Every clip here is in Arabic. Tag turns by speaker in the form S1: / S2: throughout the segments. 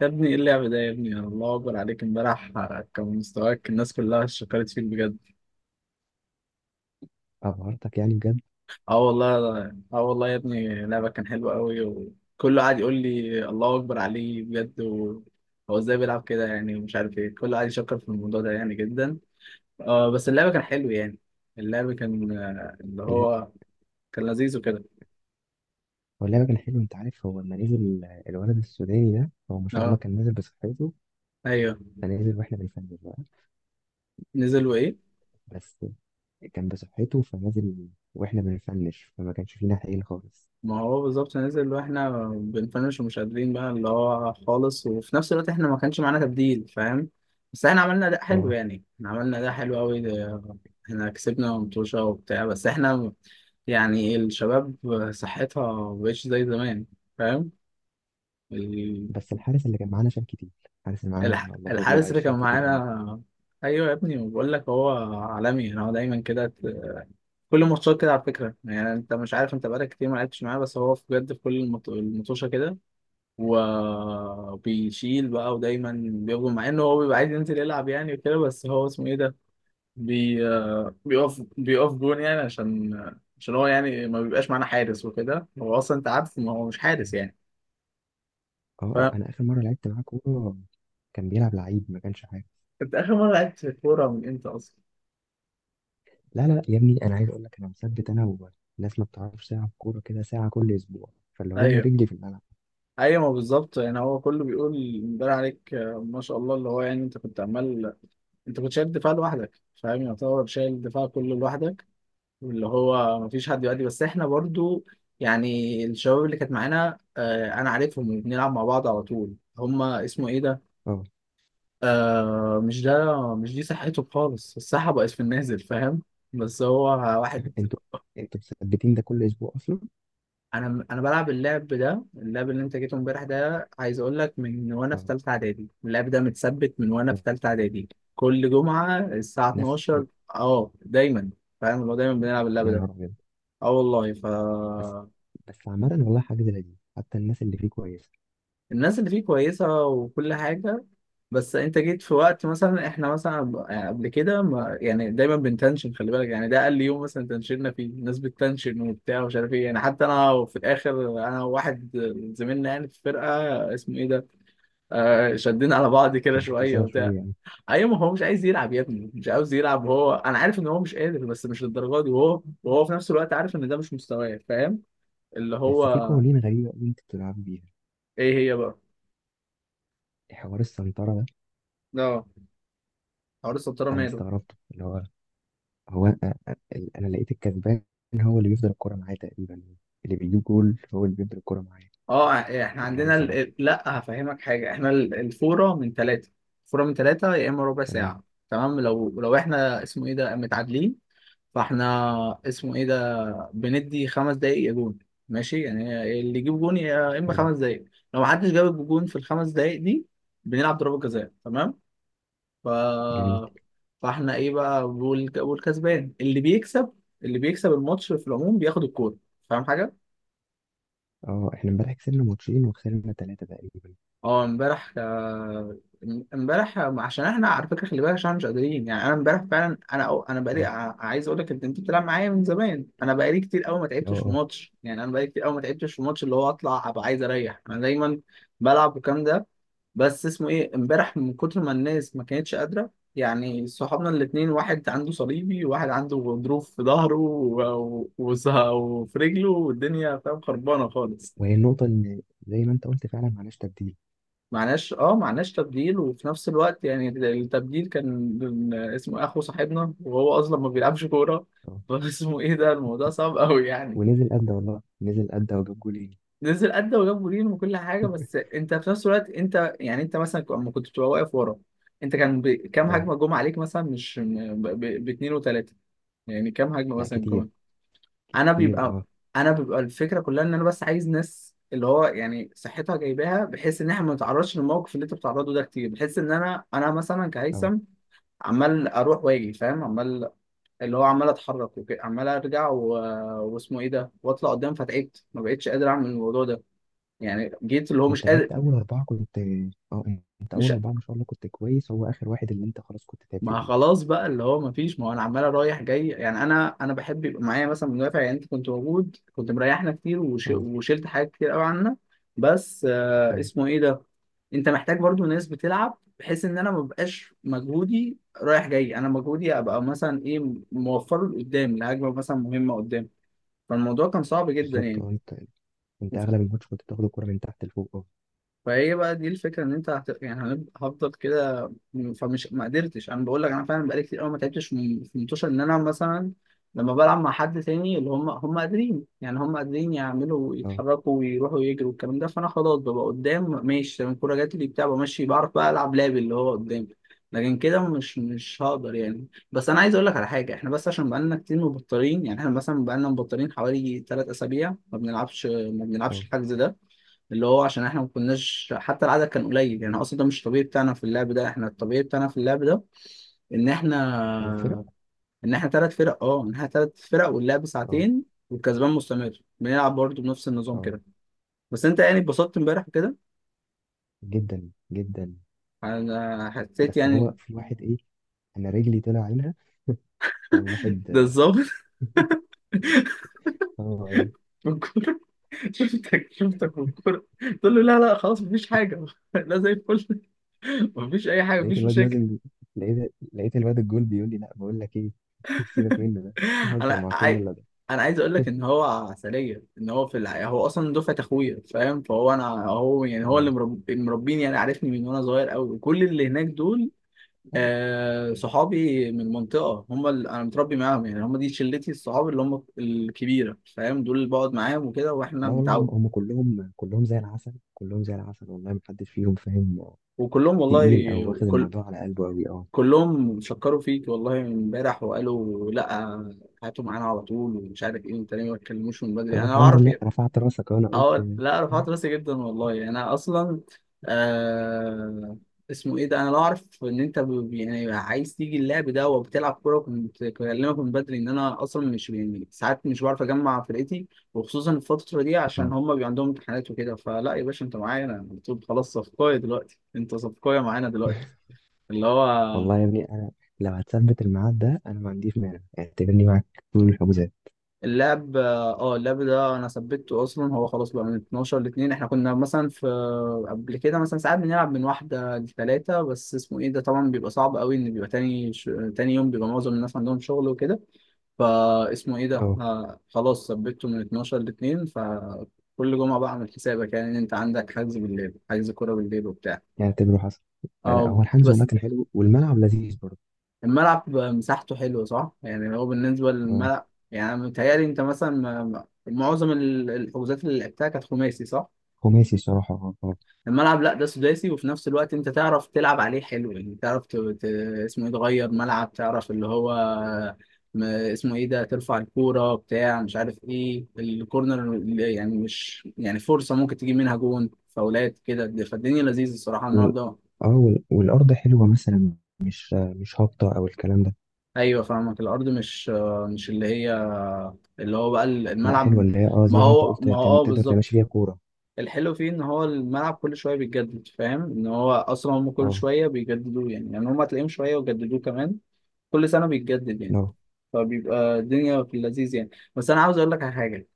S1: يا ابني، ايه اللعب ده؟ يا ابني الله اكبر عليك. امبارح كان مستواك، الناس كلها شكرت فيك بجد.
S2: أبهرتك يعني بجد.
S1: اه والله. اه والله يا ابني، لعبك كان حلو قوي وكله قاعد يقول لي الله اكبر عليه بجد هو ازاي بيلعب كده يعني، ومش عارف ايه، كله قاعد يشكر في الموضوع ده يعني جدا. اه بس اللعب كان حلو يعني. اللعب كان اللي
S2: لا،
S1: هو كان لذيذ وكده.
S2: هو اللعبة كان حلو. أنت عارف، هو لما نزل الولد السوداني ده، هو ما شاء الله
S1: اه.
S2: كان نازل بصحته،
S1: ايوه.
S2: فنازل وإحنا بنفنش بقى.
S1: نزل وايه؟
S2: بس كان بصحته فنازل وإحنا بنفنش، فما كانش فينا حيل خالص.
S1: ما هو بالظبط نزل واحنا بنفنش ومش قادرين بقى اللي هو خالص، وفي نفس الوقت احنا ما كانش معانا تبديل، فاهم؟ بس احنا عملنا اداء حلو،
S2: أه.
S1: يعني احنا عملنا اداء حلو قوي. احنا كسبنا متوشة وبتاع، بس احنا يعني الشباب صحتها مبقتش زي زمان، فاهم؟ ال-
S2: بس الحارس اللي كان معانا شال كتير. الحارس اللي معانا الله أكبر
S1: الحارس
S2: عليه
S1: اللي كان
S2: شال كتير أوي.
S1: معانا. ايوه يا ابني، بقول لك هو عالمي انا، هو دايما كده، كل ماتشات كده على فكره، يعني انت مش عارف، انت بقالك كتير ما لعبتش معاه، بس هو بجد في كل المطوشه كده وبيشيل بقى، ودايما بيقف مع انه هو بيبقى عايز ينزل يلعب يعني وكده. بس هو اسمه ايه ده، بي آه، بيقف جون يعني، عشان هو يعني ما بيبقاش معانا حارس وكده، هو اصلا انت عارف ما هو مش
S2: أه.
S1: حارس يعني. فانت،
S2: أنا آخر مرة لعبت معاه كورة كان بيلعب لعيب، ما كانش حاجة.
S1: اخر مره لعبت في الكوره من امتى اصلا؟
S2: لا لا لا يا ابني، أنا عايز أقول لك، أنا مثبت أنا والناس ما بتعرفش تلعب كورة كده ساعة كل أسبوع. فاللي هو أنا
S1: ايوه.
S2: رجلي في الملعب.
S1: ايوه، ما بالظبط يعني هو كله بيقول، امبارح عليك ما شاء الله، اللي هو يعني انت كنت عمال، انت كنت شايل الدفاع لوحدك، فاهم؟ يعتبر شايل الدفاع كله لوحدك، اللي هو مفيش حد يؤدي، بس احنا برضو يعني الشباب اللي كانت معانا، انا عارفهم بنلعب مع بعض على طول، هما اسمه ايه ده،
S2: أه.
S1: مش ده، مش دي صحته خالص، الصحة بقت في النازل، فاهم؟ بس هو واحد.
S2: انتوا انتوا مثبتين ده كل اسبوع اصلا.
S1: انا بلعب اللعب ده، اللعب اللي انت جيته امبارح ده، عايز اقول لك من وانا في
S2: اه.
S1: ثالثة اعدادي، اللعب ده متثبت من وانا في ثالثة اعدادي، كل جمعة الساعة
S2: نفس.
S1: 12. اه دايما، فاهم؟ اللي هو دايما بنلعب اللعب
S2: يا
S1: ده.
S2: نهار ابيض.
S1: اه والله،
S2: بس بس عامة والله حاجة لذيذة، حتى الناس اللي فيه كويسة.
S1: الناس اللي فيه كويسة وكل حاجة. بس انت جيت في وقت، مثلا احنا مثلا قبل كده، ما يعني دايما بنتنشن، خلي بالك يعني، ده اقل يوم مثلا تنشننا فيه، الناس بتتنشن وبتاع ومش عارف ايه يعني. حتى انا في الاخر، انا وواحد زميلنا يعني في الفرقة، اسمه ايه ده، شدينا على بعض كده
S2: شدتوا
S1: شوية
S2: سوا شوية
S1: وبتاع.
S2: يعني.
S1: ايوه، ما هو مش عايز يلعب يا ابني، مش عاوز يلعب هو، انا عارف ان هو مش قادر بس مش للدرجة دي، وهو في نفس الوقت عارف ان ده مش مستواه، فاهم؟ اللي
S2: بس في
S1: هو،
S2: قوانين غريبة قوي انتوا بتلعبوا بيها.
S1: ايه هي بقى؟
S2: حوار السنطرة ده،
S1: اه، حوار السبترة
S2: انا
S1: ماله؟
S2: استغربته. اللي هو هو، انا لقيت الكسبان هو اللي بيفضل الكرة معايا تقريبا. اللي بيجيب جول هو اللي بيفضل الكرة معايا.
S1: اه، احنا
S2: ولا انا
S1: عندنا
S2: سرح.
S1: لا هفهمك حاجه، احنا الفوره من ثلاثه، الفوره من ثلاثه يا اما ربع
S2: تمام.
S1: ساعه. تمام، لو احنا اسمه ايه ده متعادلين، فاحنا اسمه ايه ده بندي خمس دقايق يا جون، ماشي؟ يعني اللي يجيب جون يا اما
S2: حلو.
S1: خمس دقايق، لو محدش جاب جون في الخمس دقايق دي بنلعب ضربه جزاء، تمام؟ ف
S2: جميل.
S1: فاحنا ايه بقى، والكسبان اللي بيكسب، اللي بيكسب الماتش في العموم بياخد الكوره، فاهم حاجه؟
S2: اه احنا امبارح كسبنا ماتشين وخسرنا ثلاثة تقريبا.
S1: اه امبارح. امبارح عشان احنا على فكره، خلي بالك عشان احنا مش قادرين يعني، انا امبارح فعلا انا انا بقالي،
S2: اه
S1: عايز اقول لك، انت بتلعب معايا من زمان، انا بقالي كتير قوي ما
S2: اه
S1: تعبتش في
S2: اه.
S1: ماتش، يعني انا بقالي كتير قوي ما تعبتش في ماتش، اللي هو اطلع ابقى عايز اريح، انا دايما بلعب والكلام ده. بس اسمه ايه، امبارح من كتر ما الناس ما كانتش قادره، يعني صحابنا الاثنين، واحد عنده صليبي، وواحد عنده غضروف في ظهره وفي رجله، والدنيا فاهم خربانه خالص.
S2: وهي النقطة ان زي ما انت قلت فعلا معناش تبديل.
S1: معناش، معناش تبديل، وفي نفس الوقت يعني التبديل كان اسمه إيه، اخو صاحبنا وهو اصلا ما بيلعبش كوره
S2: اه.
S1: فاسمه ايه ده، الموضوع صعب قوي يعني.
S2: ونزل قد والله، نزل قد وجاب جولين.
S1: نزل ادى وجاب جولين وكل حاجه، بس انت في نفس الوقت انت يعني، انت مثلا لما كنت بتبقى واقف ورا، انت كان كام
S2: اه.
S1: هجمه جم عليك مثلا؟ مش باتنين وتلاته، يعني كام هجمه
S2: لا
S1: مثلا
S2: كتير.
S1: جم؟ انا
S2: كتير
S1: بيبقى
S2: اه.
S1: انا بيبقى الفكره كلها ان انا بس عايز ناس اللي هو يعني صحتها جايباها، بحيث ان احنا ما نتعرضش للموقف اللي انت بتعرضه ده كتير، بحيث ان انا مثلا
S2: اه.
S1: كهيثم عمال اروح واجي، فاهم؟ عمال، اللي هو عمال اتحرك وكده، عمال ارجع واسمه ايه ده، واطلع قدام، فتعبت، ما بقتش قادر اعمل الموضوع ده، يعني جيت اللي هو مش
S2: انت
S1: قادر.
S2: لعبت اول اربعه كنت. اه. انت
S1: مش،
S2: اول اربعه ما شاء الله كنت كويس، هو اخر واحد اللي انت خلاص كنت تعبت
S1: ما
S2: فيه.
S1: خلاص بقى اللي هو ما فيش، ما هو انا عمال رايح جاي يعني، انا بحب يبقى معايا مثلا مدافع، يعني انت كنت موجود، كنت مريحنا كتير،
S2: اه
S1: وشلت حاجات كتير قوي عنا، بس
S2: اه.
S1: اسمه ايه ده، انت محتاج برضو ناس بتلعب، بحيث ان انا ما بقاش مجهودي رايح جاي، انا مجهودي ابقى مثلا ايه، موفره لقدام لهجمه مثلا مهمه قدام، فالموضوع كان صعب جدا
S2: بالظبط اه.
S1: يعني.
S2: انت اغلب الماتش كنت بتاخد الكرة من تحت لفوق. اه.
S1: فهي بقى دي الفكره، ان انت يعني هفضل كده. فمش، ما قدرتش، انا بقول لك انا فعلا بقالي كتير قوي ما تعبتش في منتوشه، ان انا مثلا لما بلعب مع حد تاني، اللي هم قادرين يعني، هم قادرين يعملوا،
S2: اه
S1: يتحركوا ويروحوا يجروا والكلام ده، فانا خلاص ببقى قدام، ماشي تمام، الكوره جات لي بتاع، بمشي، بعرف بقى العب لعب اللي هو قدامي، لكن كده مش هقدر يعني. بس انا عايز اقول لك على حاجه، احنا بس عشان بقالنا كتير مبطلين يعني، احنا مثلا بقالنا مبطلين حوالي 3 اسابيع ما بنلعبش،
S2: اه.
S1: الحجز ده اللي هو، عشان احنا ما كناش، حتى العدد كان قليل يعني، اصلا ده مش الطبيعي بتاعنا في اللعب ده، احنا الطبيعي بتاعنا في اللعب ده ان احنا،
S2: ثلاث فرق.
S1: ثلاث فرق، اه، ان احنا ثلاث فرق واللعب
S2: اه.
S1: ساعتين، والكسبان مستمر، بنلعب برضه بنفس النظام
S2: اه.
S1: كده. بس انت يعني اتبسطت امبارح كده.
S2: جدا جدا.
S1: انا حسيت
S2: بس هو
S1: يعني،
S2: في واحد، ايه، انا رجلي طلع عينها.
S1: ده
S2: فواحد،
S1: الظابط
S2: آه،
S1: بالكوره، شفتك شفتك بالكوره، تقول له لا لا خلاص مفيش حاجه لا زي الفل. مفيش اي حاجه،
S2: لقيت
S1: مفيش
S2: الواد
S1: مشاكل.
S2: نازل. لقيت لقيت الواد الجول بيقول لي لا، بقول لك ايه. سيبك منه ده، بيهزر
S1: انا
S2: مع كل
S1: عاي...
S2: اللي ده.
S1: انا عايز اقول لك ان هو عسليه، ان هو في الحقيقه هو اصلا دفعه اخويا، فاهم؟ فهو انا، هو يعني هو اللي
S2: اه.
S1: مربيني يعني، عارفني من وانا صغير قوي، وكل اللي هناك دول،
S2: لا
S1: صحابي من المنطقه، هم اللي انا متربي معاهم يعني، هم دي شلتي الصحاب اللي هم الكبيره، فاهم؟ دول اللي بقعد معاهم وكده، واحنا
S2: لا، والله هم
S1: متعود.
S2: هم كلهم كلهم زي العسل، كلهم زي العسل، والله ما حدش فيهم فاهم
S1: وكلهم
S2: تقيل او
S1: والله،
S2: واخد
S1: كل
S2: الموضوع على قلبه قوي. اه.
S1: كلهم شكروا فيك والله امبارح وقالوا لا، هاتوا معانا على طول، ومش عارف ايه، انت ليه ما تكلموش من بدري؟
S2: طب
S1: انا
S2: الحمد
S1: اعرف.
S2: لله رفعت راسك، وانا قلت
S1: اه لا، رفعت راسي جدا والله، انا اصلا آه اسمه ايه ده، انا لو اعرف ان انت يعني عايز تيجي اللعب ده وبتلعب كوره، كنت بكلمك من بدري، ان انا اصلا مش، يعني ساعات مش بعرف اجمع فرقتي، وخصوصا الفتره دي عشان
S2: اه
S1: هم بيبقى عندهم امتحانات وكده. فلا يا باشا، انت معايا انا على طول خلاص، صفقايه دلوقتي انت، صفقايه معانا دلوقتي. اللي
S2: والله
S1: هو
S2: يا ابني انا، لو هتثبت الميعاد ده انا ما عنديش مانع، اعتبرني معاك طول الحجوزات.
S1: اللاب ده انا ثبته اصلا، هو خلاص بقى من 12 ل 2، احنا كنا مثلا في، قبل كده مثلا ساعات بنلعب من واحده لثلاثه، بس اسمه ايه ده، طبعا بيبقى صعب قوي ان بيبقى تاني تاني يوم بيبقى معظم الناس عندهم شغل وكده. فاسمه ايه ده،
S2: اه.
S1: خلاص ثبته من 12 ل 2، فكل جمعه بقى اعمل حسابك، يعني ان انت عندك حجز بالليل، حجز كوره بالليل وبتاع.
S2: يعني اعتبره حصل. لا لا،
S1: اه
S2: هو الحجز والله
S1: بس
S2: كان حلو والملعب لذيذ برضه.
S1: الملعب مساحته حلوة، صح؟ يعني هو بالنسبة
S2: اه.
S1: للملعب، يعني أنا متهيألي أنت مثلا، معظم الحجوزات اللي لعبتها كانت خماسي، صح؟
S2: خماسي الصراحه اه.
S1: الملعب لا، ده سداسي، وفي نفس الوقت أنت تعرف تلعب عليه حلو يعني، تعرف اسمه إيه، تغير ملعب، تعرف اللي هو، اسمه إيه ده، ترفع الكورة بتاع، مش عارف إيه، الكورنر اللي يعني مش يعني فرصة ممكن تجيب منها جون، فاولات كده، فالدنيا لذيذة الصراحة الملعب
S2: وال...
S1: ده.
S2: اه، والارض حلوه مثلا، مش هابطه او الكلام ده.
S1: ايوه فاهمك، الارض مش، اللي هي، اللي هو بقى
S2: لا حلوه،
S1: الملعب.
S2: اللي هي اه
S1: ما
S2: زي ما انت
S1: هو،
S2: قلت،
S1: اه
S2: تقدر تمشي
S1: بالظبط.
S2: فيها كوره.
S1: الحلو فيه ان هو الملعب كل شويه بيتجدد، فاهم؟ ان هو اصلا هم كل
S2: اه.
S1: شويه بيجددوه يعني، هم هتلاقيهم شويه وجددوه كمان، كل سنه بيتجدد يعني،
S2: لا اه
S1: فبيبقى الدنيا في اللذيذ يعني. بس انا عاوز اقول لك على حاجه،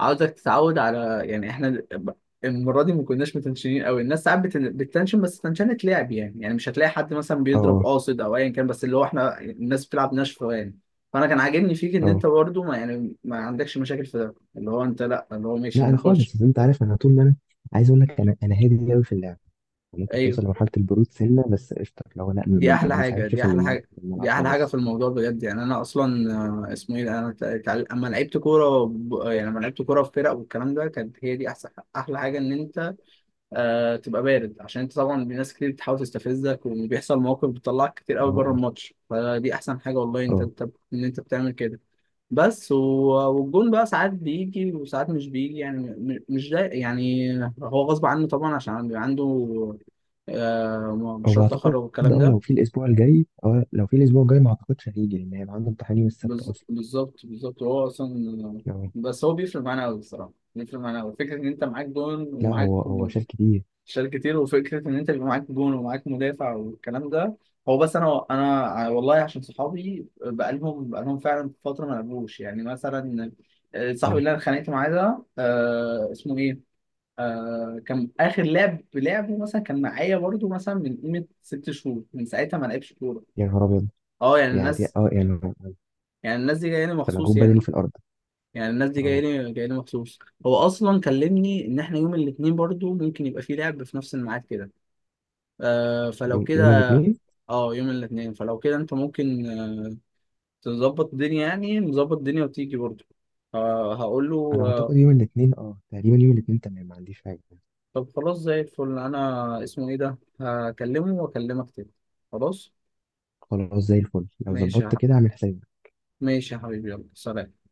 S1: عاوزك تتعود على يعني، احنا المره دي ما كناش متنشنين قوي، الناس ساعات بتتنشن، بس تنشنة لعب يعني، مش هتلاقي حد مثلا بيضرب
S2: اه
S1: قاصد او ايا كان، بس اللي هو احنا الناس بتلعب ناشفه يعني. فانا كان عاجبني فيك ان
S2: اه.
S1: انت برضه ما، يعني ما عندكش مشاكل في ده، اللي هو انت لا، اللي هو ماشي
S2: لا انا
S1: نخش.
S2: خالص، انت عارف انا طول ما انا عايز اقول لك، انا هادي قوي في اللعب. ممكن توصل
S1: ايوه،
S2: لمرحله البرود سنه، بس قشطه لو لا،
S1: دي
S2: ما
S1: احلى حاجه،
S2: بنفعلش
S1: دي
S2: في
S1: احلى حاجه،
S2: في
S1: دي
S2: الملعب
S1: احلى حاجه في
S2: خالص.
S1: الموضوع بجد يعني. انا اصلا اسمه ايه ده؟ انا اما لعبت كوره يعني لما لعبت كوره في فرق والكلام ده، كانت هي دي احسن، احلى حاجه ان انت تبقى بارد، عشان انت طبعا، ناس كتير بتحاول تستفزك، وبيحصل مواقف بتطلعك كتير
S2: اه
S1: قوي بره
S2: اه
S1: الماتش، فدي احسن حاجه والله انت،
S2: اه.
S1: ان انت بتعمل كده. بس والجون بقى ساعات بيجي وساعات مش بيجي يعني، مش ده يعني، هو غصب عنه طبعا عشان بيبقى عنده
S2: هو
S1: مشروع تخرج
S2: اعتقد،
S1: والكلام ده.
S2: لو في الاسبوع الجاي ما اعتقدش هيجي لان هيبقى عنده امتحان يوم السبت اصلا.
S1: بالظبط، بالظبط، هو اصلا،
S2: اه.
S1: بس هو بيفرق معانا قوي الصراحه، بيفرق معانا قوي فكره ان انت معاك جون
S2: لا
S1: ومعاك،
S2: هو شال كتير.
S1: شال كتير، وفكره ان انت بيبقى معاك جون ومعاك مدافع والكلام ده. هو بس، انا والله عشان صحابي بقالهم فعلا فتره ما لعبوش يعني، مثلا صاحبي
S2: اه.
S1: اللي انا اتخانقت معاه ده، اسمه ايه، كان اخر لعب لعبه مثلا، كان معايا برضو مثلا من قيمه ست شهور، من ساعتها ما لعبش كوره.
S2: يا نهار ابيض.
S1: اه يعني
S2: يعني دي
S1: الناس،
S2: اه يعني ده
S1: يعني الناس دي جايه لي مخصوص
S2: مجهود
S1: يعني،
S2: بدني في الارض.
S1: يعني الناس دي
S2: اه.
S1: جايه لي مخصوص. هو اصلا كلمني ان احنا يوم الاثنين برضو ممكن يبقى في لعب في نفس الميعاد كده، فلو
S2: يوم
S1: كده،
S2: الاثنين
S1: اه يوم الاثنين، فلو كده انت ممكن تظبط الدنيا يعني، نظبط الدنيا وتيجي برضه. هقول له.
S2: انا
S1: آه
S2: اعتقد. يوم الاثنين اه تقريبا، يوم الاثنين تمام، ما عنديش حاجه.
S1: طب خلاص زي الفل، انا اسمه ايه ده، هكلمه واكلمك تاني. خلاص.
S2: خلاص زي الفل، لو
S1: ماشي يا
S2: ظبطت كده
S1: ح-
S2: اعمل حسابي.
S1: ماشي يا حبيبي، يلا سلام.